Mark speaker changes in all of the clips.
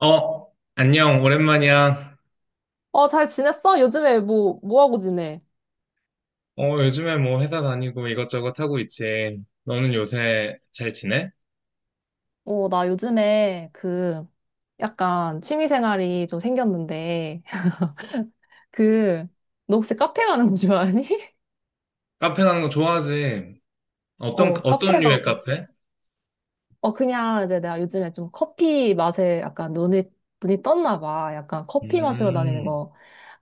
Speaker 1: 안녕, 오랜만이야.
Speaker 2: 어, 잘 지냈어? 요즘에 뭐 하고 지내?
Speaker 1: 요즘에 뭐 회사 다니고 이것저것 하고 있지. 너는 요새 잘 지내?
Speaker 2: 어, 나 요즘에 그 약간 취미 생활이 좀 생겼는데 그 너 혹시 카페 가는 거 좋아하니?
Speaker 1: 카페 가는 거 좋아하지? 어떤,
Speaker 2: 어,
Speaker 1: 어떤
Speaker 2: 카페
Speaker 1: 류의
Speaker 2: 가고.
Speaker 1: 카페?
Speaker 2: 어, 그냥 이제 내가 요즘에 좀 커피 맛에 약간 눈이 떴나 봐. 약간 커피 마시러 다니는
Speaker 1: 음,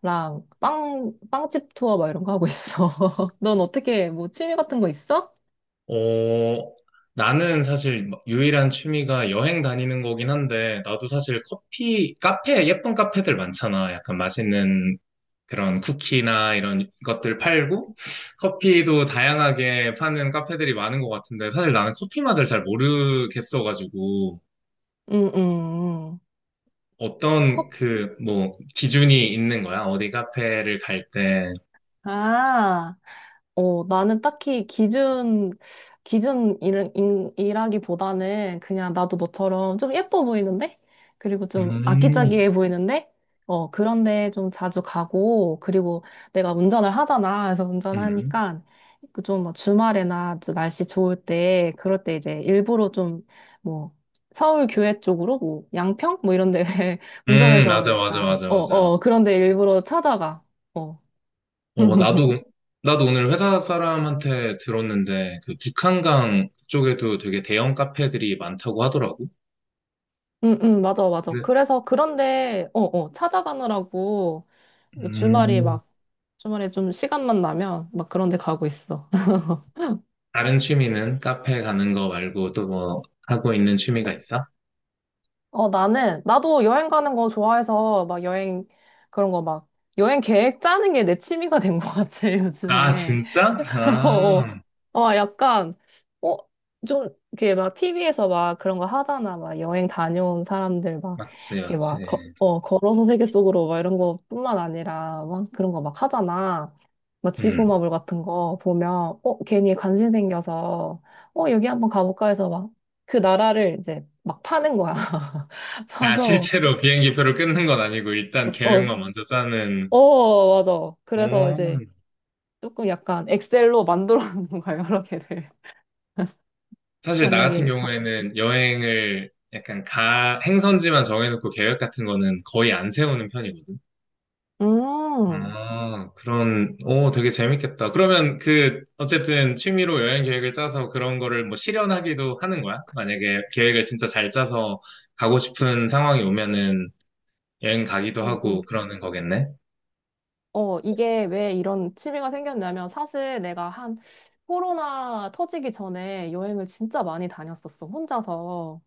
Speaker 2: 거랑 빵 빵집 투어 막 이런 거 하고 있어. 넌 어떻게 뭐 취미 같은 거 있어?
Speaker 1: 어, 나는 사실 유일한 취미가 여행 다니는 거긴 한데, 나도 사실 커피, 카페, 예쁜 카페들 많잖아. 약간 맛있는 그런 쿠키나 이런 것들 팔고 커피도 다양하게 파는 카페들이 많은 것 같은데 사실 나는 커피 맛을 잘 모르겠어가지고
Speaker 2: 응, 응, 응. 커
Speaker 1: 어떤 그 뭐 기준이 있는 거야? 어디 카페를 갈 때.
Speaker 2: 아. 어, 나는 딱히 기준 일하기보다는 그냥 나도 너처럼 좀 예뻐 보이는데? 그리고 좀
Speaker 1: 음,
Speaker 2: 아기자기해 보이는데? 어, 그런데 좀 자주 가고, 그리고 내가 운전을 하잖아. 그래서
Speaker 1: 음,
Speaker 2: 운전하니까 좀막 주말에나 좀 날씨 좋을 때, 그럴 때 이제 일부러 좀 뭐, 서울 교외 쪽으로 뭐, 양평? 뭐 이런 데 운전해서
Speaker 1: 맞아, 맞아,
Speaker 2: 약간,
Speaker 1: 맞아, 맞아.
Speaker 2: 그런 데 일부러 찾아가. 어.
Speaker 1: 어, 나도, 나도 오늘 회사 사람한테 들었는데 그 북한강 쪽에도 되게 대형 카페들이 많다고 하더라고.
Speaker 2: 응, 응, 맞아, 맞아.
Speaker 1: 그래.
Speaker 2: 그래서 그런데, 찾아가느라고 뭐 주말이
Speaker 1: 음.
Speaker 2: 막, 주말에 좀 시간만 나면 막 그런 데 가고 있어.
Speaker 1: 다른 취미는 카페 가는 거 말고 또 뭐 하고 있는 취미가
Speaker 2: 나-
Speaker 1: 있어?
Speaker 2: 어, 나도 여행 가는 거 좋아해서 막 여행, 그런 거 막, 여행 계획 짜는 게 내 취미가 된 것 같아,
Speaker 1: 아,
Speaker 2: 요즘에.
Speaker 1: 진짜?
Speaker 2: 어,
Speaker 1: 아,
Speaker 2: 어, 약간, 어, 좀, 이렇게 막 TV에서 막 그런 거 하잖아. 막 여행 다녀온 사람들 막,
Speaker 1: 맞지,
Speaker 2: 이렇게 막,
Speaker 1: 맞지.
Speaker 2: 걸어서 세계 속으로 막 이런 거뿐만 아니라 막 그런 거 막 하잖아. 막
Speaker 1: 음.
Speaker 2: 지구마블 같은 거 보면, 어, 괜히 관심 생겨서, 어, 여기 한번 가볼까 해서 막 그 나라를 이제 막 파는 거야.
Speaker 1: 아,
Speaker 2: 파서,
Speaker 1: 실제로 비행기 표를 끊는 건 아니고 일단
Speaker 2: 어,
Speaker 1: 계획만 먼저 짜는.
Speaker 2: 어, 어, 맞아. 그래서 이제
Speaker 1: 오.
Speaker 2: 조금 약간 엑셀로 만들어 놓는 거야, 여러 개를.
Speaker 1: 사실 나 같은
Speaker 2: 만약에
Speaker 1: 경우에는 여행을 행선지만 정해놓고 계획 같은 거는 거의 안 세우는 편이거든.
Speaker 2: 음,
Speaker 1: 아, 그런, 오, 되게 재밌겠다. 그러면 그, 어쨌든 취미로 여행 계획을 짜서 그런 거를 뭐 실현하기도 하는 거야? 만약에 계획을 진짜 잘 짜서 가고 싶은 상황이 오면은 여행 가기도
Speaker 2: 음,
Speaker 1: 하고
Speaker 2: 음.
Speaker 1: 그러는 거겠네?
Speaker 2: 어, 이게 왜 이런 취미가 생겼냐면 사실 내가 한 코로나 터지기 전에 여행을 진짜 많이 다녔었어, 혼자서.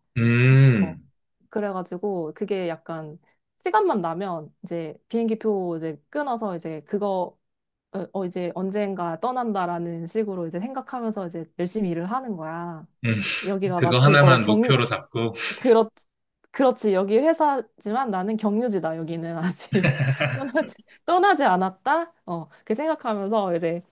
Speaker 2: 어,
Speaker 1: 음,
Speaker 2: 그래가지고 그게 약간 시간만 나면 이제 비행기표 이제 끊어서 이제 그거, 이제 언젠가 떠난다라는 식으로 이제 생각하면서 이제 열심히 일을 하는 거야.
Speaker 1: 음,
Speaker 2: 여기가
Speaker 1: 그거
Speaker 2: 마치
Speaker 1: 하나만 목표로 잡고.
Speaker 2: 그렇, 그렇지. 여기 회사지만 나는 경유지다. 여기는 아직 떠나지, 떠나지 않았다. 어, 그렇게 생각하면서 이제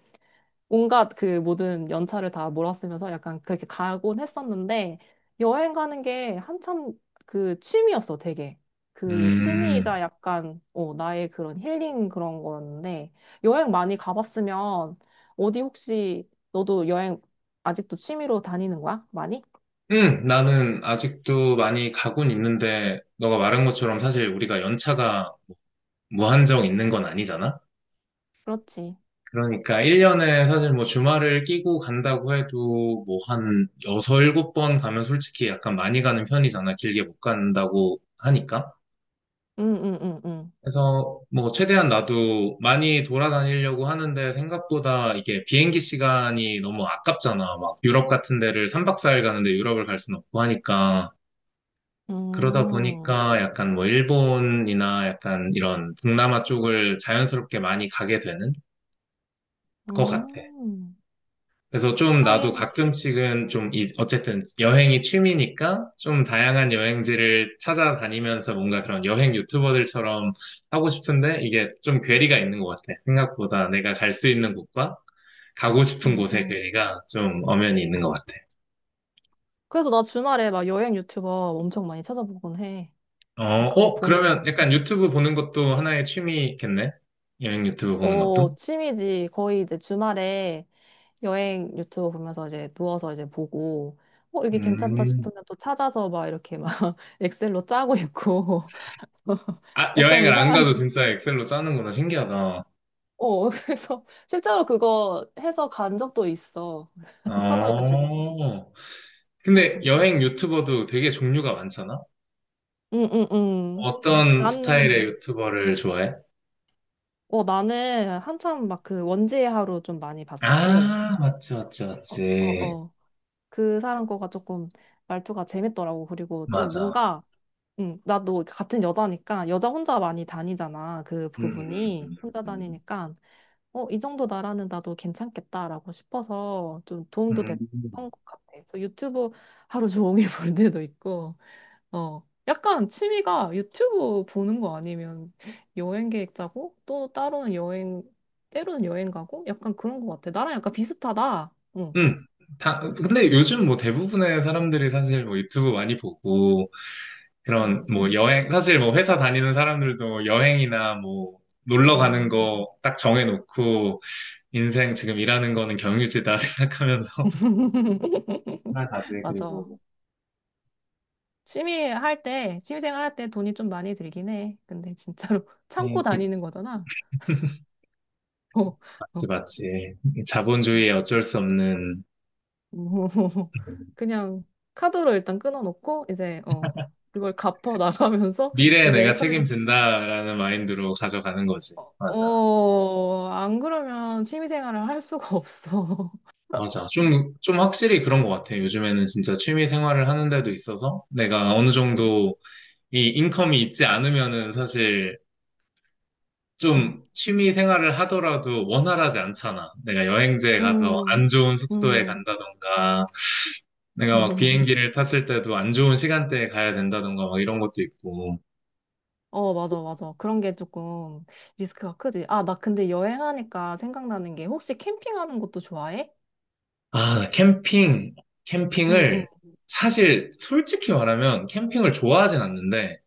Speaker 2: 온갖 그 모든 연차를 다 몰아쓰면서 약간 그렇게 가곤 했었는데 여행 가는 게 한참 그 취미였어, 되게. 그
Speaker 1: 음,
Speaker 2: 취미이자 약간 나의 그런 힐링 그런 거였는데 여행 많이 가봤으면 어디 혹시 너도 여행 아직도 취미로 다니는 거야? 많이?
Speaker 1: 나는 아직도 많이 가곤 있는데, 너가 말한 것처럼 사실 우리가 연차가 무한정 있는 건 아니잖아?
Speaker 2: 그렇지.
Speaker 1: 그러니까 1년에 사실 뭐 주말을 끼고 간다고 해도 뭐 한 6, 7번 가면 솔직히 약간 많이 가는 편이잖아. 길게 못 간다고 하니까.
Speaker 2: 응, 응, 응, 응.
Speaker 1: 그래서 뭐 최대한 나도 많이 돌아다니려고 하는데 생각보다 이게 비행기 시간이 너무 아깝잖아. 막 유럽 같은 데를 3박 4일 가는데 유럽을 갈 순 없고 하니까. 그러다
Speaker 2: 음,
Speaker 1: 보니까 약간 뭐 일본이나 약간 이런 동남아 쪽을 자연스럽게 많이 가게 되는 것 같아.
Speaker 2: 음,
Speaker 1: 그래서 좀 나도
Speaker 2: 하긴,
Speaker 1: 가끔씩은 어쨌든 여행이 취미니까 좀 다양한 여행지를 찾아다니면서 뭔가 그런 여행 유튜버들처럼 하고 싶은데 이게 좀 괴리가 있는 것 같아. 생각보다 내가 갈 수 있는 곳과 가고 싶은
Speaker 2: 음,
Speaker 1: 곳의
Speaker 2: 음.
Speaker 1: 괴리가 좀 엄연히 있는 것 같아.
Speaker 2: 그래서 나 주말에 막 여행 유튜버 엄청 많이 찾아보곤 해.
Speaker 1: 어,
Speaker 2: 막 그거
Speaker 1: 어, 그러면
Speaker 2: 보면서.
Speaker 1: 약간 유튜브 보는 것도 하나의 취미겠네? 여행 유튜브 보는
Speaker 2: 어,
Speaker 1: 것도?
Speaker 2: 취미지. 거의 이제 주말에 여행 유튜브 보면서 이제 누워서 이제 보고, 어, 이게 괜찮다
Speaker 1: 음.
Speaker 2: 싶으면 또 찾아서 막 이렇게 막 엑셀로 짜고 있고.
Speaker 1: 아,
Speaker 2: 약간
Speaker 1: 여행을 안
Speaker 2: 이상한,
Speaker 1: 가도 진짜 엑셀로 짜는구나. 신기하다.
Speaker 2: 어, 그래서 실제로 그거 해서 간 적도 있어. 찾아가지고.
Speaker 1: 어.
Speaker 2: 응,
Speaker 1: 근데
Speaker 2: 응,
Speaker 1: 여행 유튜버도 되게 종류가 많잖아?
Speaker 2: 응, 응. 응.
Speaker 1: 어떤 스타일의
Speaker 2: 나는,
Speaker 1: 유튜버를 좋아해?
Speaker 2: 나는 한참 막 그 원지의 하루 좀 많이 봤었고,
Speaker 1: 아, 맞지, 맞지,
Speaker 2: 어, 어,
Speaker 1: 맞지.
Speaker 2: 어. 그 사람 거가 조금 말투가 재밌더라고. 그리고 좀
Speaker 1: 맞아.
Speaker 2: 뭔가, 응, 나도 같은 여자니까, 여자 혼자 많이 다니잖아. 그
Speaker 1: 음, 음,
Speaker 2: 부분이. 혼자
Speaker 1: 음.
Speaker 2: 다니니까, 어, 이 정도 나라는 나도 괜찮겠다라고 싶어서 좀 도움도
Speaker 1: 음,
Speaker 2: 됐던
Speaker 1: 음.
Speaker 2: 것 같아. 그래서 유튜브 하루 종일 볼 때도 있고, 어, 약간 취미가 유튜브 보는 거 아니면 여행 계획 짜고 또 따로는 여행, 때로는 여행 가고 약간 그런 거 같아. 나랑 약간 비슷하다. 응.
Speaker 1: 음. 다, 근데 요즘 뭐 대부분의 사람들이 사실 뭐 유튜브 많이 보고, 그런
Speaker 2: 응,
Speaker 1: 뭐 여행, 사실 뭐 회사 다니는 사람들도 여행이나 뭐 놀러 가는
Speaker 2: 응.
Speaker 1: 거 딱 정해놓고, 인생 지금 일하는 거는 경유지다 생각하면서 하나 가지, 그리고.
Speaker 2: 맞아. 취미 생활 할 때 돈이 좀 많이 들긴 해. 근데 진짜로 참고 다니는 거잖아. 어,
Speaker 1: 맞지,
Speaker 2: 어,
Speaker 1: 맞지.
Speaker 2: 음.
Speaker 1: 자본주의의 어쩔 수 없는
Speaker 2: 어. 그냥 카드로 일단 끊어놓고 이제 그걸 갚아 나가면서
Speaker 1: 미래에
Speaker 2: 이제
Speaker 1: 내가
Speaker 2: 회사를
Speaker 1: 책임진다라는 마인드로 가져가는 거지. 맞아.
Speaker 2: 어, 안 그러면 취미생활을 할 수가 없어.
Speaker 1: 맞아. 좀, 좀 확실히 그런 것 같아. 요즘에는 진짜 취미 생활을 하는 데도 있어서 내가 어느
Speaker 2: 음,
Speaker 1: 정도 이 인컴이 있지 않으면은 사실 좀 취미 생활을 하더라도 원활하지 않잖아. 내가 여행지에 가서
Speaker 2: 음,
Speaker 1: 안 좋은 숙소에
Speaker 2: 음.
Speaker 1: 간다던가, 내가 막 비행기를 탔을 때도 안 좋은 시간대에 가야 된다던가 막 이런 것도 있고.
Speaker 2: 어, 맞아, 맞아. 그런 게 조금 리스크가 크지. 아, 나 근데 여행하니까 생각나는 게 혹시 캠핑하는 것도 좋아해?
Speaker 1: 아, 캠핑,
Speaker 2: 응, 응,
Speaker 1: 캠핑을, 사실 솔직히 말하면 캠핑을 좋아하진 않는데,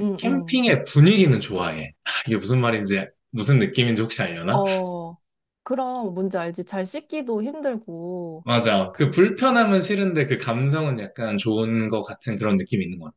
Speaker 2: 응, 응.
Speaker 1: 캠핑의 분위기는 좋아해. 이게 무슨 말인지, 무슨 느낌인지 혹시 알려나?
Speaker 2: 어, 그럼 뭔지 알지? 잘 씻기도 힘들고,
Speaker 1: 맞아. 그
Speaker 2: 그,
Speaker 1: 불편함은 싫은데 그 감성은 약간 좋은 것 같은 그런 느낌이 있는 것 같아.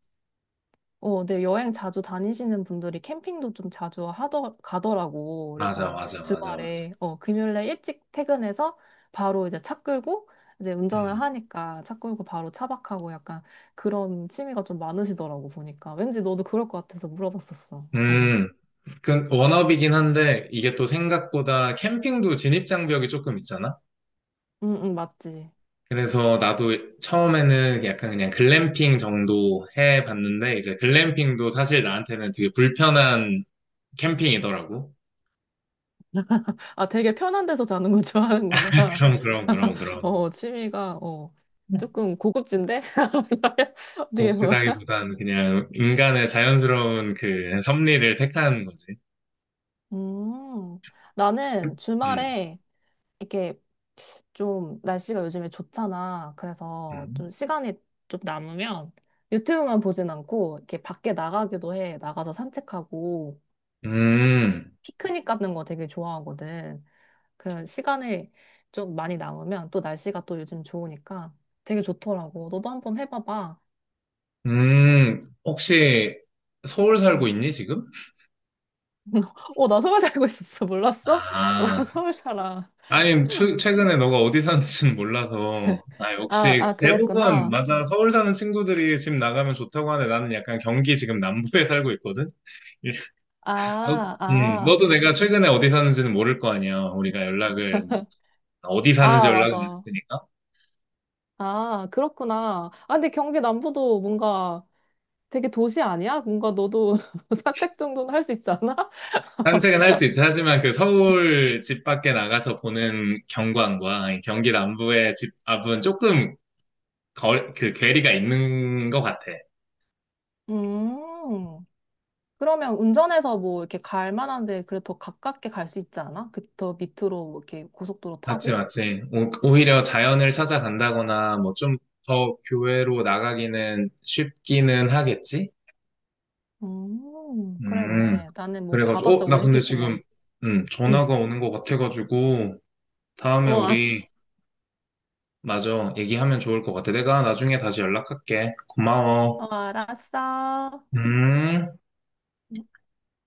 Speaker 2: 네, 여행 자주 다니시는 분들이 캠핑도 좀 자주 가더라고.
Speaker 1: 맞아,
Speaker 2: 그래서
Speaker 1: 맞아, 맞아, 맞아.
Speaker 2: 주말에, 금요일에 일찍 퇴근해서 바로 이제 차 끌고, 이제 운전을
Speaker 1: 음,
Speaker 2: 하니까 차 끌고 바로 차박하고 약간 그런 취미가 좀 많으시더라고, 보니까. 왠지 너도 그럴 것 같아서 물어봤었어.
Speaker 1: 음, 그 워너비긴 한데, 이게 또 생각보다 캠핑도 진입장벽이 조금 있잖아?
Speaker 2: 응, 응, 맞지.
Speaker 1: 그래서 나도 처음에는 약간 그냥 글램핑 정도 해봤는데, 이제 글램핑도 사실 나한테는 되게 불편한 캠핑이더라고.
Speaker 2: 아, 되게 편한 데서 자는 거 좋아하는구나.
Speaker 1: 그럼, 그럼, 그럼, 그럼.
Speaker 2: 어, 취미가, 조금 고급진데? 어떻게 보면.
Speaker 1: 몹시다기보다는 그냥 인간의 자연스러운 그 섭리를 택하는 거지.
Speaker 2: 음, 나는
Speaker 1: 음,
Speaker 2: 주말에 이게 좀 날씨가 요즘에 좋잖아. 그래서
Speaker 1: 음,
Speaker 2: 좀 시간이 좀 남으면 유튜브만 보진 않고 이렇게 밖에 나가기도 해. 나가서 산책하고
Speaker 1: 음,
Speaker 2: 피크닉 가는 거 되게 좋아하거든. 그 시간이 좀 많이 남으면 또 날씨가 또 요즘 좋으니까 되게 좋더라고. 너도 한번 해봐봐.
Speaker 1: 혹시 서울 살고
Speaker 2: 응.
Speaker 1: 있니, 지금?
Speaker 2: 어, 나 서울 살고 있었어. 몰랐어? 나
Speaker 1: 아,
Speaker 2: 서울 살아.
Speaker 1: 아니, 최- 최근에 너가 어디 사는지는 몰라서, 아,
Speaker 2: 아,
Speaker 1: 역시
Speaker 2: 아,
Speaker 1: 대부분,
Speaker 2: 그랬구나.
Speaker 1: 맞아, 서울 사는 친구들이 집 나가면 좋다고 하는데 나는 약간 경기 지금 남부에 살고 있거든? 너,
Speaker 2: 아, 아,
Speaker 1: 너도 내가 최근에 어디 사는지는 모를 거 아니야. 어디 사는지
Speaker 2: 아,
Speaker 1: 연락을 안
Speaker 2: 맞아.
Speaker 1: 했으니까.
Speaker 2: 아, 그렇구나. 아, 근데 경기 남부도 뭔가 되게 도시 아니야? 뭔가 너도 산책 정도는 할 수 있지 않아?
Speaker 1: 산책은 할 수 있지. 하지만 그 서울 집 밖에 나가서 보는 경관과 경기 남부의 집 앞은 조금 그 괴리가 있는 것 같아.
Speaker 2: 음, 그러면 운전해서 뭐 이렇게 갈 만한 데 그래도 더 가깝게 갈 수 있지 않아? 그 더 밑으로 뭐 이렇게 고속도로
Speaker 1: 맞지,
Speaker 2: 타고?
Speaker 1: 맞지. 오히려 자연을 찾아간다거나, 뭐, 좀 더 교외로 나가기는 쉽기는 하겠지?
Speaker 2: 그래,
Speaker 1: 음,
Speaker 2: 그래. 나는 뭐
Speaker 1: 그래가지고,
Speaker 2: 가봤자
Speaker 1: 나 근데 지금,
Speaker 2: 올림픽공원. 응,
Speaker 1: 전화가 오는 것 같아가지고, 다음에
Speaker 2: 어, 알았어.
Speaker 1: 우리, 맞아, 얘기하면 좋을 것 같아. 내가 나중에 다시 연락할게. 고마워.
Speaker 2: 어, 알았어.
Speaker 1: 음.